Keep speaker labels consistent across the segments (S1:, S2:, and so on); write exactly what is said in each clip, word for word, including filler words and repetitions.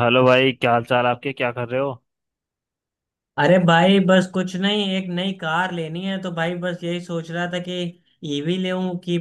S1: Hello भाई, क्या हाल चाल आपके? क्या कर रहे हो?
S2: अरे भाई बस कुछ नहीं, एक नई कार लेनी है। तो भाई बस यही सोच रहा था कि ईवी लूं कि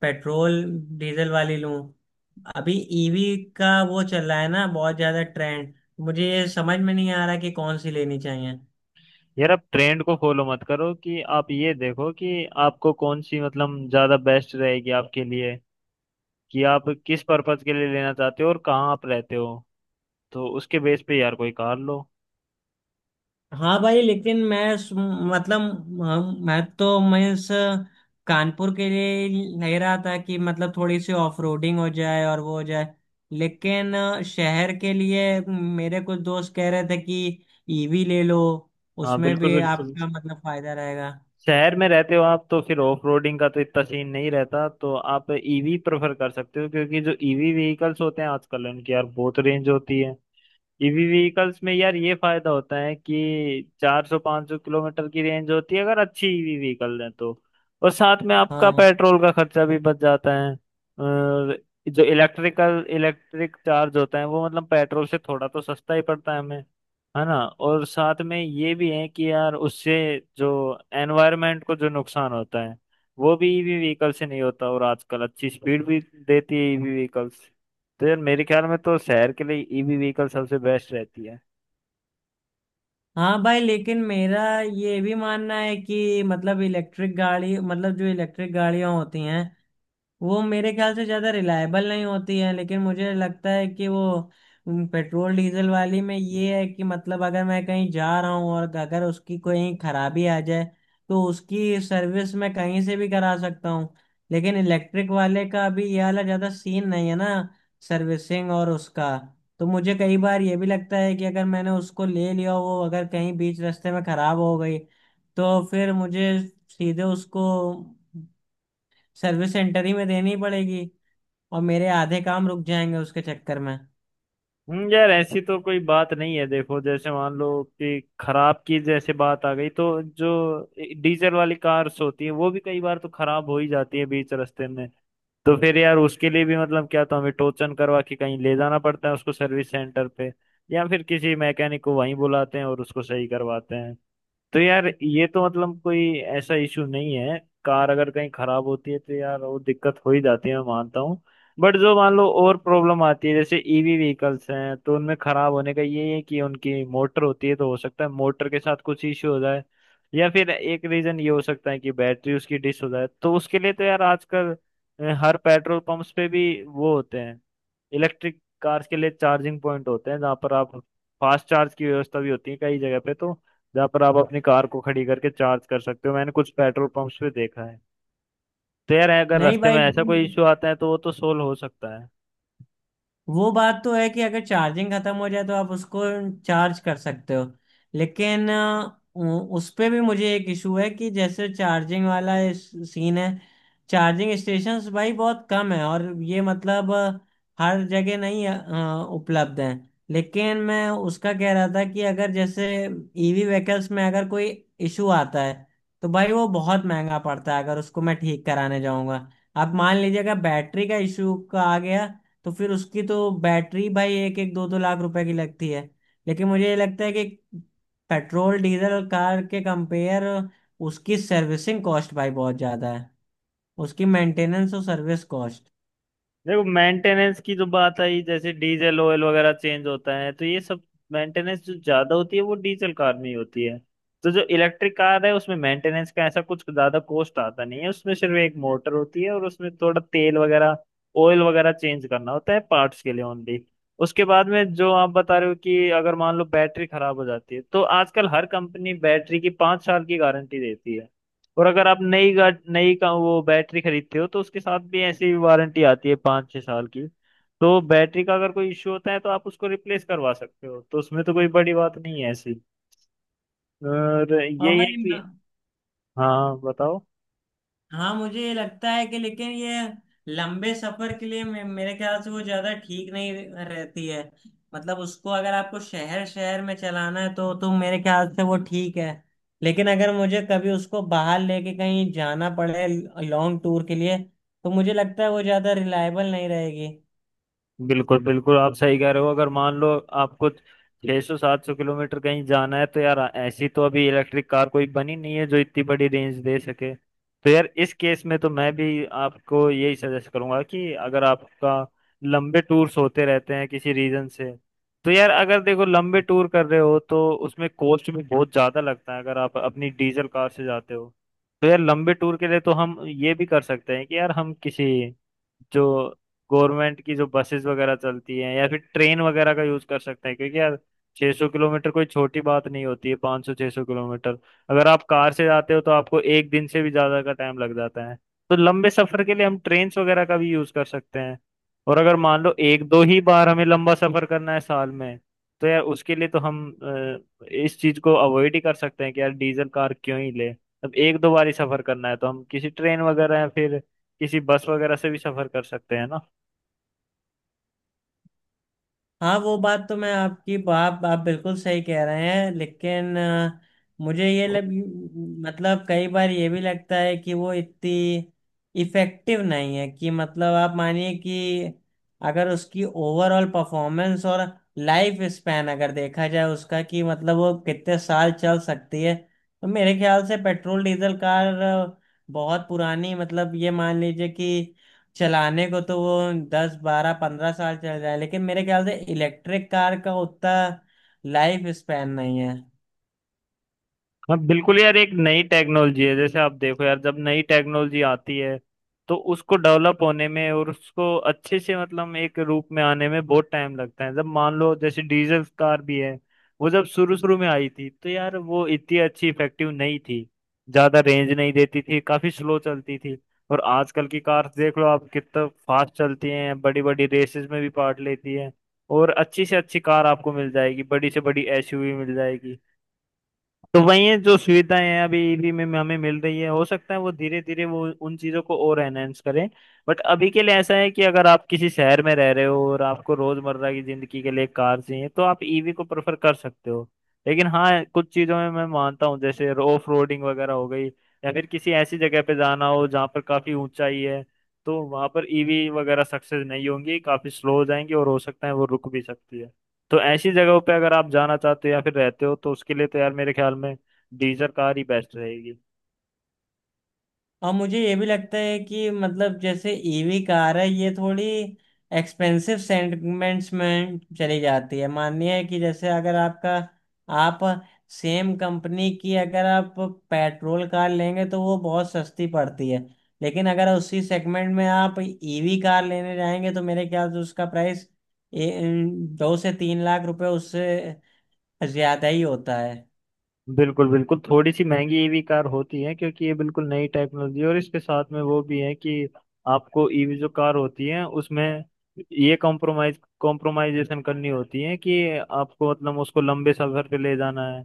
S2: पेट्रोल डीजल वाली लूं। अभी ईवी का वो चल रहा है ना, बहुत ज्यादा ट्रेंड। मुझे ये समझ में नहीं आ रहा कि कौन सी लेनी चाहिए।
S1: यार, आप ट्रेंड को फॉलो मत करो। कि आप ये देखो कि आपको कौन सी मतलब ज्यादा बेस्ट रहेगी आपके लिए, कि आप किस पर्पज के लिए लेना चाहते हो और कहाँ आप रहते हो। तो उसके बेस पे यार कोई कार लो।
S2: हाँ भाई, लेकिन मैं सु- मतलब हम मैं तो मैं इस कानपुर के लिए ले रहा था कि मतलब थोड़ी सी ऑफ रोडिंग हो जाए और वो हो जाए। लेकिन अ, शहर के लिए मेरे कुछ दोस्त कह रहे थे कि ईवी ले लो,
S1: हाँ,
S2: उसमें
S1: बिल्कुल
S2: भी
S1: बिल्कुल।
S2: आपका मतलब फायदा रहेगा।
S1: शहर में रहते हो आप तो फिर ऑफ रोडिंग का तो इतना सीन नहीं रहता, तो आप ईवी प्रेफर कर सकते हो, क्योंकि जो ईवी व्हीकल्स होते हैं आजकल, उनकी यार बहुत रेंज होती है। ईवी व्हीकल्स में यार ये फायदा होता है कि चार सौ से पांच सौ किलोमीटर की रेंज होती है, अगर अच्छी ईवी व्हीकल है तो। और साथ में आपका
S2: हाँ,
S1: पेट्रोल का खर्चा भी बच जाता है। और जो इलेक्ट्रिकल इलेक्ट्रिक चार्ज होता है वो मतलब पेट्रोल से थोड़ा तो सस्ता ही पड़ता है हमें, है ना। और साथ में ये भी है कि यार उससे जो एनवायरनमेंट को जो नुकसान होता है वो भी ईवी व्हीकल से नहीं होता, और आजकल अच्छी स्पीड भी देती है ईवी व्हीकल्स। तो यार मेरे ख्याल में तो शहर के लिए ईवी व्हीकल सबसे बेस्ट रहती है।
S2: हाँ भाई, लेकिन मेरा ये भी मानना है कि मतलब इलेक्ट्रिक गाड़ी, मतलब जो इलेक्ट्रिक गाड़ियाँ होती हैं वो मेरे ख्याल से ज़्यादा रिलायबल नहीं होती है। लेकिन मुझे लगता है कि वो उम, पेट्रोल डीजल वाली में ये है कि मतलब अगर मैं कहीं जा रहा हूँ और अगर उसकी कोई खराबी आ जाए तो उसकी सर्विस मैं कहीं से भी करा सकता हूँ। लेकिन इलेक्ट्रिक वाले का अभी ये वाला ज़्यादा सीन नहीं है ना, सर्विसिंग और उसका। तो मुझे कई बार ये भी लगता है कि अगर मैंने उसको ले लिया, वो अगर कहीं बीच रास्ते में ख़राब हो गई तो फिर मुझे सीधे उसको सर्विस सेंटर ही में देनी पड़ेगी, और मेरे आधे काम रुक जाएंगे उसके चक्कर में।
S1: हम्म, यार ऐसी तो कोई बात नहीं है। देखो, जैसे मान लो कि खराब की जैसे बात आ गई, तो जो डीजल वाली कार्स होती है वो भी कई बार तो खराब हो ही जाती है बीच रास्ते में। तो फिर यार उसके लिए भी, मतलब क्या, तो हमें टोचन करवा के कहीं ले जाना पड़ता है उसको सर्विस सेंटर पे, या फिर किसी मैकेनिक को वहीं बुलाते हैं और उसको सही करवाते हैं। तो यार ये तो मतलब कोई ऐसा इशू नहीं है। कार अगर कहीं खराब होती है तो यार वो दिक्कत हो ही जाती है, मैं मानता हूँ। बट जो मान लो और प्रॉब्लम आती है जैसे ईवी व्हीकल्स हैं, तो उनमें खराब होने का ये है कि उनकी मोटर होती है, तो हो सकता है मोटर के साथ कुछ इश्यू हो जाए, या फिर एक रीजन ये हो सकता है कि बैटरी उसकी डिस हो जाए। तो उसके लिए तो यार आजकल अ, हर पेट्रोल पंप्स पे भी वो होते हैं। इलेक्ट्रिक कार्स के लिए चार्जिंग पॉइंट होते हैं, जहाँ पर आप फास्ट चार्ज की व्यवस्था भी होती है कई जगह पे, तो जहाँ पर आप अपनी कार को खड़ी करके चार्ज कर सकते हो, मैंने कुछ पेट्रोल पंप्स पे देखा है। तो यार अगर
S2: नहीं
S1: रास्ते
S2: भाई,
S1: में ऐसा कोई
S2: लेकिन
S1: इशू आता है तो वो तो सोल्व हो सकता है।
S2: वो बात तो है कि अगर चार्जिंग खत्म हो जाए तो आप उसको चार्ज कर सकते हो। लेकिन अ, उ- उस पे भी मुझे एक इशू है कि जैसे चार्जिंग वाला सीन है, चार्जिंग स्टेशंस भाई बहुत कम है, और ये मतलब अ, हर जगह नहीं अ, उपलब्ध है। लेकिन मैं उसका कह रहा था कि अगर जैसे ईवी व्हीकल्स में अगर कोई इशू आता है तो भाई वो बहुत महंगा पड़ता है अगर उसको मैं ठीक कराने जाऊंगा। अब मान लीजिए अगर बैटरी का इशू का आ गया, तो फिर उसकी तो बैटरी भाई एक एक दो दो लाख रुपए की लगती है। लेकिन मुझे ये लगता है कि पेट्रोल डीजल और कार के कंपेयर उसकी सर्विसिंग कॉस्ट भाई बहुत ज्यादा है, उसकी मेंटेनेंस और सर्विस कॉस्ट।
S1: देखो, मेंटेनेंस की जो बात आई, जैसे डीजल ऑयल वगैरह चेंज होता है, तो ये सब मेंटेनेंस जो ज्यादा होती है वो डीजल कार में ही होती है। तो जो इलेक्ट्रिक कार है उसमें मेंटेनेंस का ऐसा कुछ ज्यादा कॉस्ट आता नहीं है, उसमें सिर्फ एक मोटर होती है और उसमें थोड़ा तेल वगैरह, ऑयल वगैरह चेंज करना होता है पार्ट्स के लिए ओनली। उसके बाद में जो आप बता रहे हो कि अगर मान लो बैटरी खराब हो जाती है, तो आजकल हर कंपनी बैटरी की पाँच साल की गारंटी देती है। और अगर आप नई गा नई का वो बैटरी खरीदते हो तो उसके साथ भी ऐसी वारंटी आती है पाँच छः साल की। तो बैटरी का अगर कोई इश्यू होता है तो आप उसको रिप्लेस करवा सकते हो, तो उसमें तो कोई बड़ी बात नहीं है ऐसी। और
S2: और
S1: यही है
S2: भाई
S1: कि,
S2: म-
S1: हाँ बताओ।
S2: हाँ, मुझे ये लगता है कि लेकिन ये लंबे सफर के लिए मे- मेरे ख्याल से वो ज्यादा ठीक नहीं रह- रहती है। मतलब उसको अगर आपको शहर शहर में चलाना है तो तो मेरे ख्याल से वो ठीक है। लेकिन अगर मुझे कभी उसको बाहर लेके कहीं जाना पड़े, लॉन्ग टूर के लिए, तो मुझे लगता है वो ज्यादा रिलायबल नहीं रहेगी।
S1: बिल्कुल बिल्कुल, आप सही कह रहे हो। अगर मान लो आपको छह सौ सात सौ किलोमीटर कहीं जाना है तो यार ऐसी तो अभी इलेक्ट्रिक कार कोई बनी नहीं है जो इतनी बड़ी रेंज दे सके। तो यार इस केस में तो मैं भी आपको यही सजेस्ट करूंगा कि अगर आपका लंबे टूर्स होते रहते हैं किसी रीजन से, तो यार अगर देखो लंबे टूर कर रहे हो तो उसमें कॉस्ट भी बहुत ज्यादा लगता है अगर आप अपनी डीजल कार से जाते हो। तो यार लंबे टूर के लिए तो हम ये भी कर सकते हैं कि यार हम किसी, जो गवर्नमेंट की जो बसेस वगैरह चलती हैं या फिर ट्रेन वगैरह का यूज कर सकते हैं, क्योंकि यार छह सौ किलोमीटर कोई छोटी बात नहीं होती है। पांच सौ छह सौ किलोमीटर अगर आप कार से जाते हो तो आपको एक दिन से भी ज्यादा का टाइम लग जाता है। तो लंबे सफर के लिए हम ट्रेन्स वगैरह का भी यूज कर सकते हैं। और अगर मान लो एक दो ही बार हमें लंबा सफर करना है साल में, तो यार उसके लिए तो हम अ, इस चीज को अवॉइड ही कर सकते हैं कि यार डीजल कार क्यों ही ले। अब एक दो बार ही सफर करना है तो हम किसी ट्रेन वगैरह या फिर किसी बस वगैरह से भी सफर कर सकते हैं ना।
S2: हाँ, वो बात तो मैं आपकी, आप आप बिल्कुल सही कह रहे हैं। लेकिन अ, मुझे ये लग, मतलब कई बार ये भी लगता है कि वो इतनी इफेक्टिव नहीं है, कि मतलब आप मानिए कि अगर उसकी ओवरऑल परफॉर्मेंस और लाइफ स्पैन अगर देखा जाए उसका, कि मतलब वो कितने साल चल सकती है, तो मेरे ख्याल से पेट्रोल डीजल कार अ, बहुत पुरानी, मतलब ये मान लीजिए कि चलाने को तो वो दस बारह पंद्रह साल चल जाए, लेकिन मेरे ख्याल से इलेक्ट्रिक कार का उतना लाइफ स्पैन नहीं है।
S1: हाँ, बिल्कुल यार, एक नई टेक्नोलॉजी है। जैसे आप देखो यार, जब नई टेक्नोलॉजी आती है तो उसको डेवलप होने में और उसको अच्छे से मतलब एक रूप में आने में बहुत टाइम लगता है। जब मान लो जैसे डीजल कार भी है, वो जब शुरू शुरू में आई थी तो यार वो इतनी अच्छी इफेक्टिव नहीं थी, ज्यादा रेंज नहीं देती थी, काफी स्लो चलती थी। और आजकल की कार्स देख लो आप, कितना फास्ट चलती हैं, बड़ी बड़ी रेसेस में भी पार्ट लेती हैं, और अच्छी से अच्छी कार आपको मिल जाएगी, बड़ी से बड़ी एसयूवी मिल जाएगी। तो वही है, जो सुविधाएं हैं अभी ईबी में हमें मिल रही है, हो सकता है वो धीरे धीरे वो उन चीजों को और एनहेंस करें। बट अभी के लिए ऐसा है कि अगर आप किसी शहर में रह रहे हो और आपको रोजमर्रा की जिंदगी के लिए कार चाहिए तो आप ईवी को प्रेफर कर सकते हो। लेकिन हाँ, कुछ चीजों में मैं मानता हूँ, जैसे ऑफ रोडिंग वगैरह हो गई, या फिर किसी ऐसी जगह पे जाना हो जहाँ पर काफी ऊंचाई है, तो वहां पर ईवी वगैरह सक्सेस नहीं होंगी, काफी स्लो हो जाएंगी, और हो सकता है वो रुक भी सकती है। तो ऐसी जगहों पे अगर आप जाना चाहते हो या फिर रहते हो, तो उसके लिए तो यार मेरे ख्याल में डीजर कार ही बेस्ट रहेगी।
S2: और मुझे ये भी लगता है कि मतलब जैसे ईवी कार है, ये थोड़ी एक्सपेंसिव सेगमेंट्स में चली जाती है। मानिए कि जैसे अगर आपका, आप सेम कंपनी की अगर आप पेट्रोल कार लेंगे तो वो बहुत सस्ती पड़ती है, लेकिन अगर उसी सेगमेंट में आप ईवी कार लेने जाएंगे तो मेरे ख्याल से उसका प्राइस दो से तीन लाख रुपए उससे ज्यादा ही होता है।
S1: बिल्कुल बिल्कुल, थोड़ी सी महंगी ईवी कार होती है, क्योंकि ये बिल्कुल नई टेक्नोलॉजी है, और इसके साथ में वो भी है कि आपको ईवी जो कार होती है उसमें ये कॉम्प्रोमाइज कॉम्प्रोमाइजेशन करनी होती है कि आपको मतलब उसको लंबे सफर पे ले जाना है।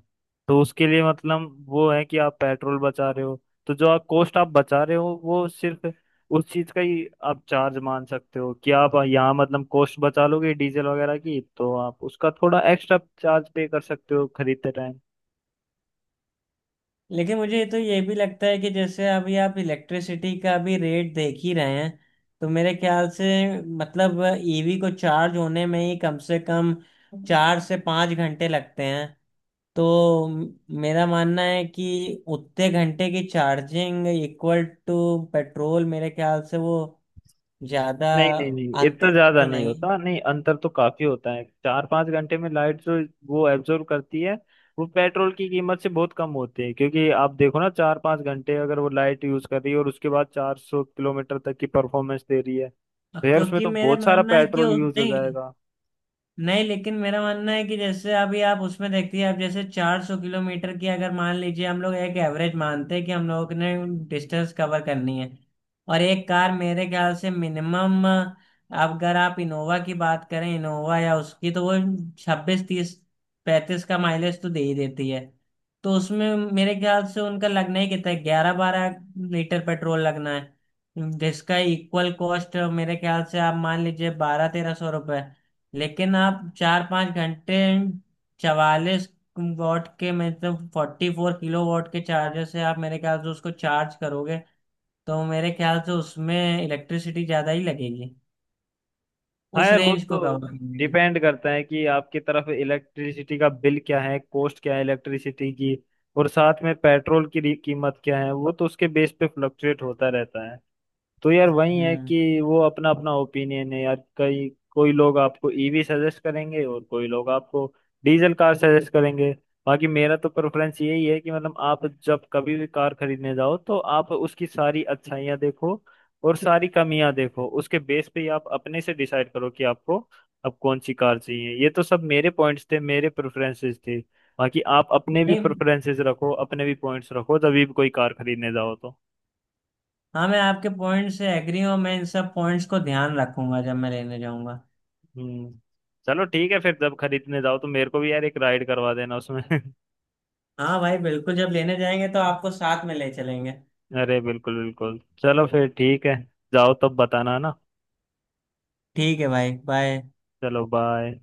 S1: तो उसके लिए मतलब वो है कि आप पेट्रोल बचा रहे हो, तो जो आप कॉस्ट आप बचा रहे हो वो सिर्फ उस चीज का ही आप चार्ज मान सकते हो, कि आप यहाँ मतलब कॉस्ट बचा लोगे डीजल वगैरह की, तो आप उसका थोड़ा एक्स्ट्रा चार्ज पे कर सकते हो खरीदते टाइम।
S2: लेकिन मुझे तो ये भी लगता है कि जैसे अभी आप इलेक्ट्रिसिटी का भी रेट देख ही रहे हैं, तो मेरे ख्याल से, मतलब ईवी को चार्ज होने में ही कम से कम चार से पाँच घंटे लगते हैं। तो म- मेरा मानना है कि उतने घंटे की चार्जिंग इक्वल टू पेट्रोल, मेरे ख्याल से वो ज़्यादा
S1: नहीं नहीं नहीं, इतना
S2: अंतर
S1: ज्यादा
S2: तो
S1: नहीं
S2: नहीं है।
S1: होता, नहीं अंतर तो काफी होता है। चार पांच घंटे में लाइट जो वो एब्जॉर्ब करती है, वो पेट्रोल की कीमत से बहुत कम होती है, क्योंकि आप देखो ना, चार पांच घंटे अगर वो लाइट यूज कर रही है और उसके बाद चार सौ किलोमीटर तक की परफॉर्मेंस दे रही है, तो यार उसमें
S2: क्योंकि
S1: तो
S2: मेरे
S1: बहुत सारा
S2: मानना है कि
S1: पेट्रोल
S2: उस-
S1: यूज हो
S2: नहीं,
S1: जाएगा।
S2: नहीं, लेकिन मेरा मानना है कि जैसे अभी आप उसमें देखती है, आप जैसे चार सौ किलोमीटर की, अगर मान लीजिए हम लोग एक एवरेज मानते हैं कि हम लोगों ने डिस्टेंस कवर करनी है, और एक कार मेरे ख्याल से मिनिमम, अगर आप इनोवा की बात करें, इनोवा या उसकी, तो वो छब्बीस तीस पैंतीस का माइलेज तो दे ही देती है। तो उसमें मेरे ख्याल से उनका लगना ही कितना है, ग्यारह बारह लीटर पेट्रोल लगना है, जिसका इक्वल कॉस्ट मेरे ख्याल से आप मान लीजिए बारह तेरह सौ रुपए। लेकिन आप चार पाँच घंटे चवालीस वॉट के, मतलब फोर्टी फोर किलो वॉट के चार्जर से आप मेरे ख्याल से उसको चार्ज करोगे, तो मेरे ख्याल से उसमें इलेक्ट्रिसिटी ज़्यादा ही लगेगी,
S1: हाँ
S2: उस
S1: यार, वो
S2: रेंज को
S1: तो
S2: कवर करने की।
S1: डिपेंड करता है कि आपकी तरफ इलेक्ट्रिसिटी का बिल क्या है, कॉस्ट क्या है इलेक्ट्रिसिटी की, और साथ में पेट्रोल की री- कीमत क्या है, वो तो उसके बेस पे फ्लक्चुएट होता रहता है। तो यार वही है
S2: हम्म।
S1: कि वो अपना अपना ओपिनियन है यार। कई कोई लोग आपको ईवी सजेस्ट करेंगे और कोई लोग आपको डीजल कार सजेस्ट करेंगे। बाकी मेरा तो प्रेफरेंस यही है कि, मतलब आप जब कभी भी कार खरीदने जाओ तो आप उसकी सारी अच्छाइयाँ देखो और सारी कमियां देखो, उसके बेस पे ही आप अपने से डिसाइड करो कि आपको अब कौन सी कार चाहिए। ये तो सब मेरे पॉइंट्स थे, मेरे प्रेफरेंसेस थे। बाकी आप अपने भी
S2: नहीं,
S1: प्रेफरेंसेस रखो, अपने भी पॉइंट्स रखो, तभी भी कोई कार खरीदने जाओ तो।
S2: हाँ, मैं आपके पॉइंट से एग्री हूँ। मैं इन सब पॉइंट्स को ध्यान रखूंगा जब मैं लेने जाऊंगा।
S1: हम्म। चलो ठीक है फिर, जब खरीदने जाओ तो मेरे को भी यार एक राइड करवा देना उसमें।
S2: हाँ भाई, बिल्कुल, जब लेने जाएंगे तो आपको साथ में ले चलेंगे।
S1: अरे बिल्कुल बिल्कुल, चलो फिर ठीक है। जाओ तब बताना ना।
S2: ठीक है भाई, बाय।
S1: चलो बाय।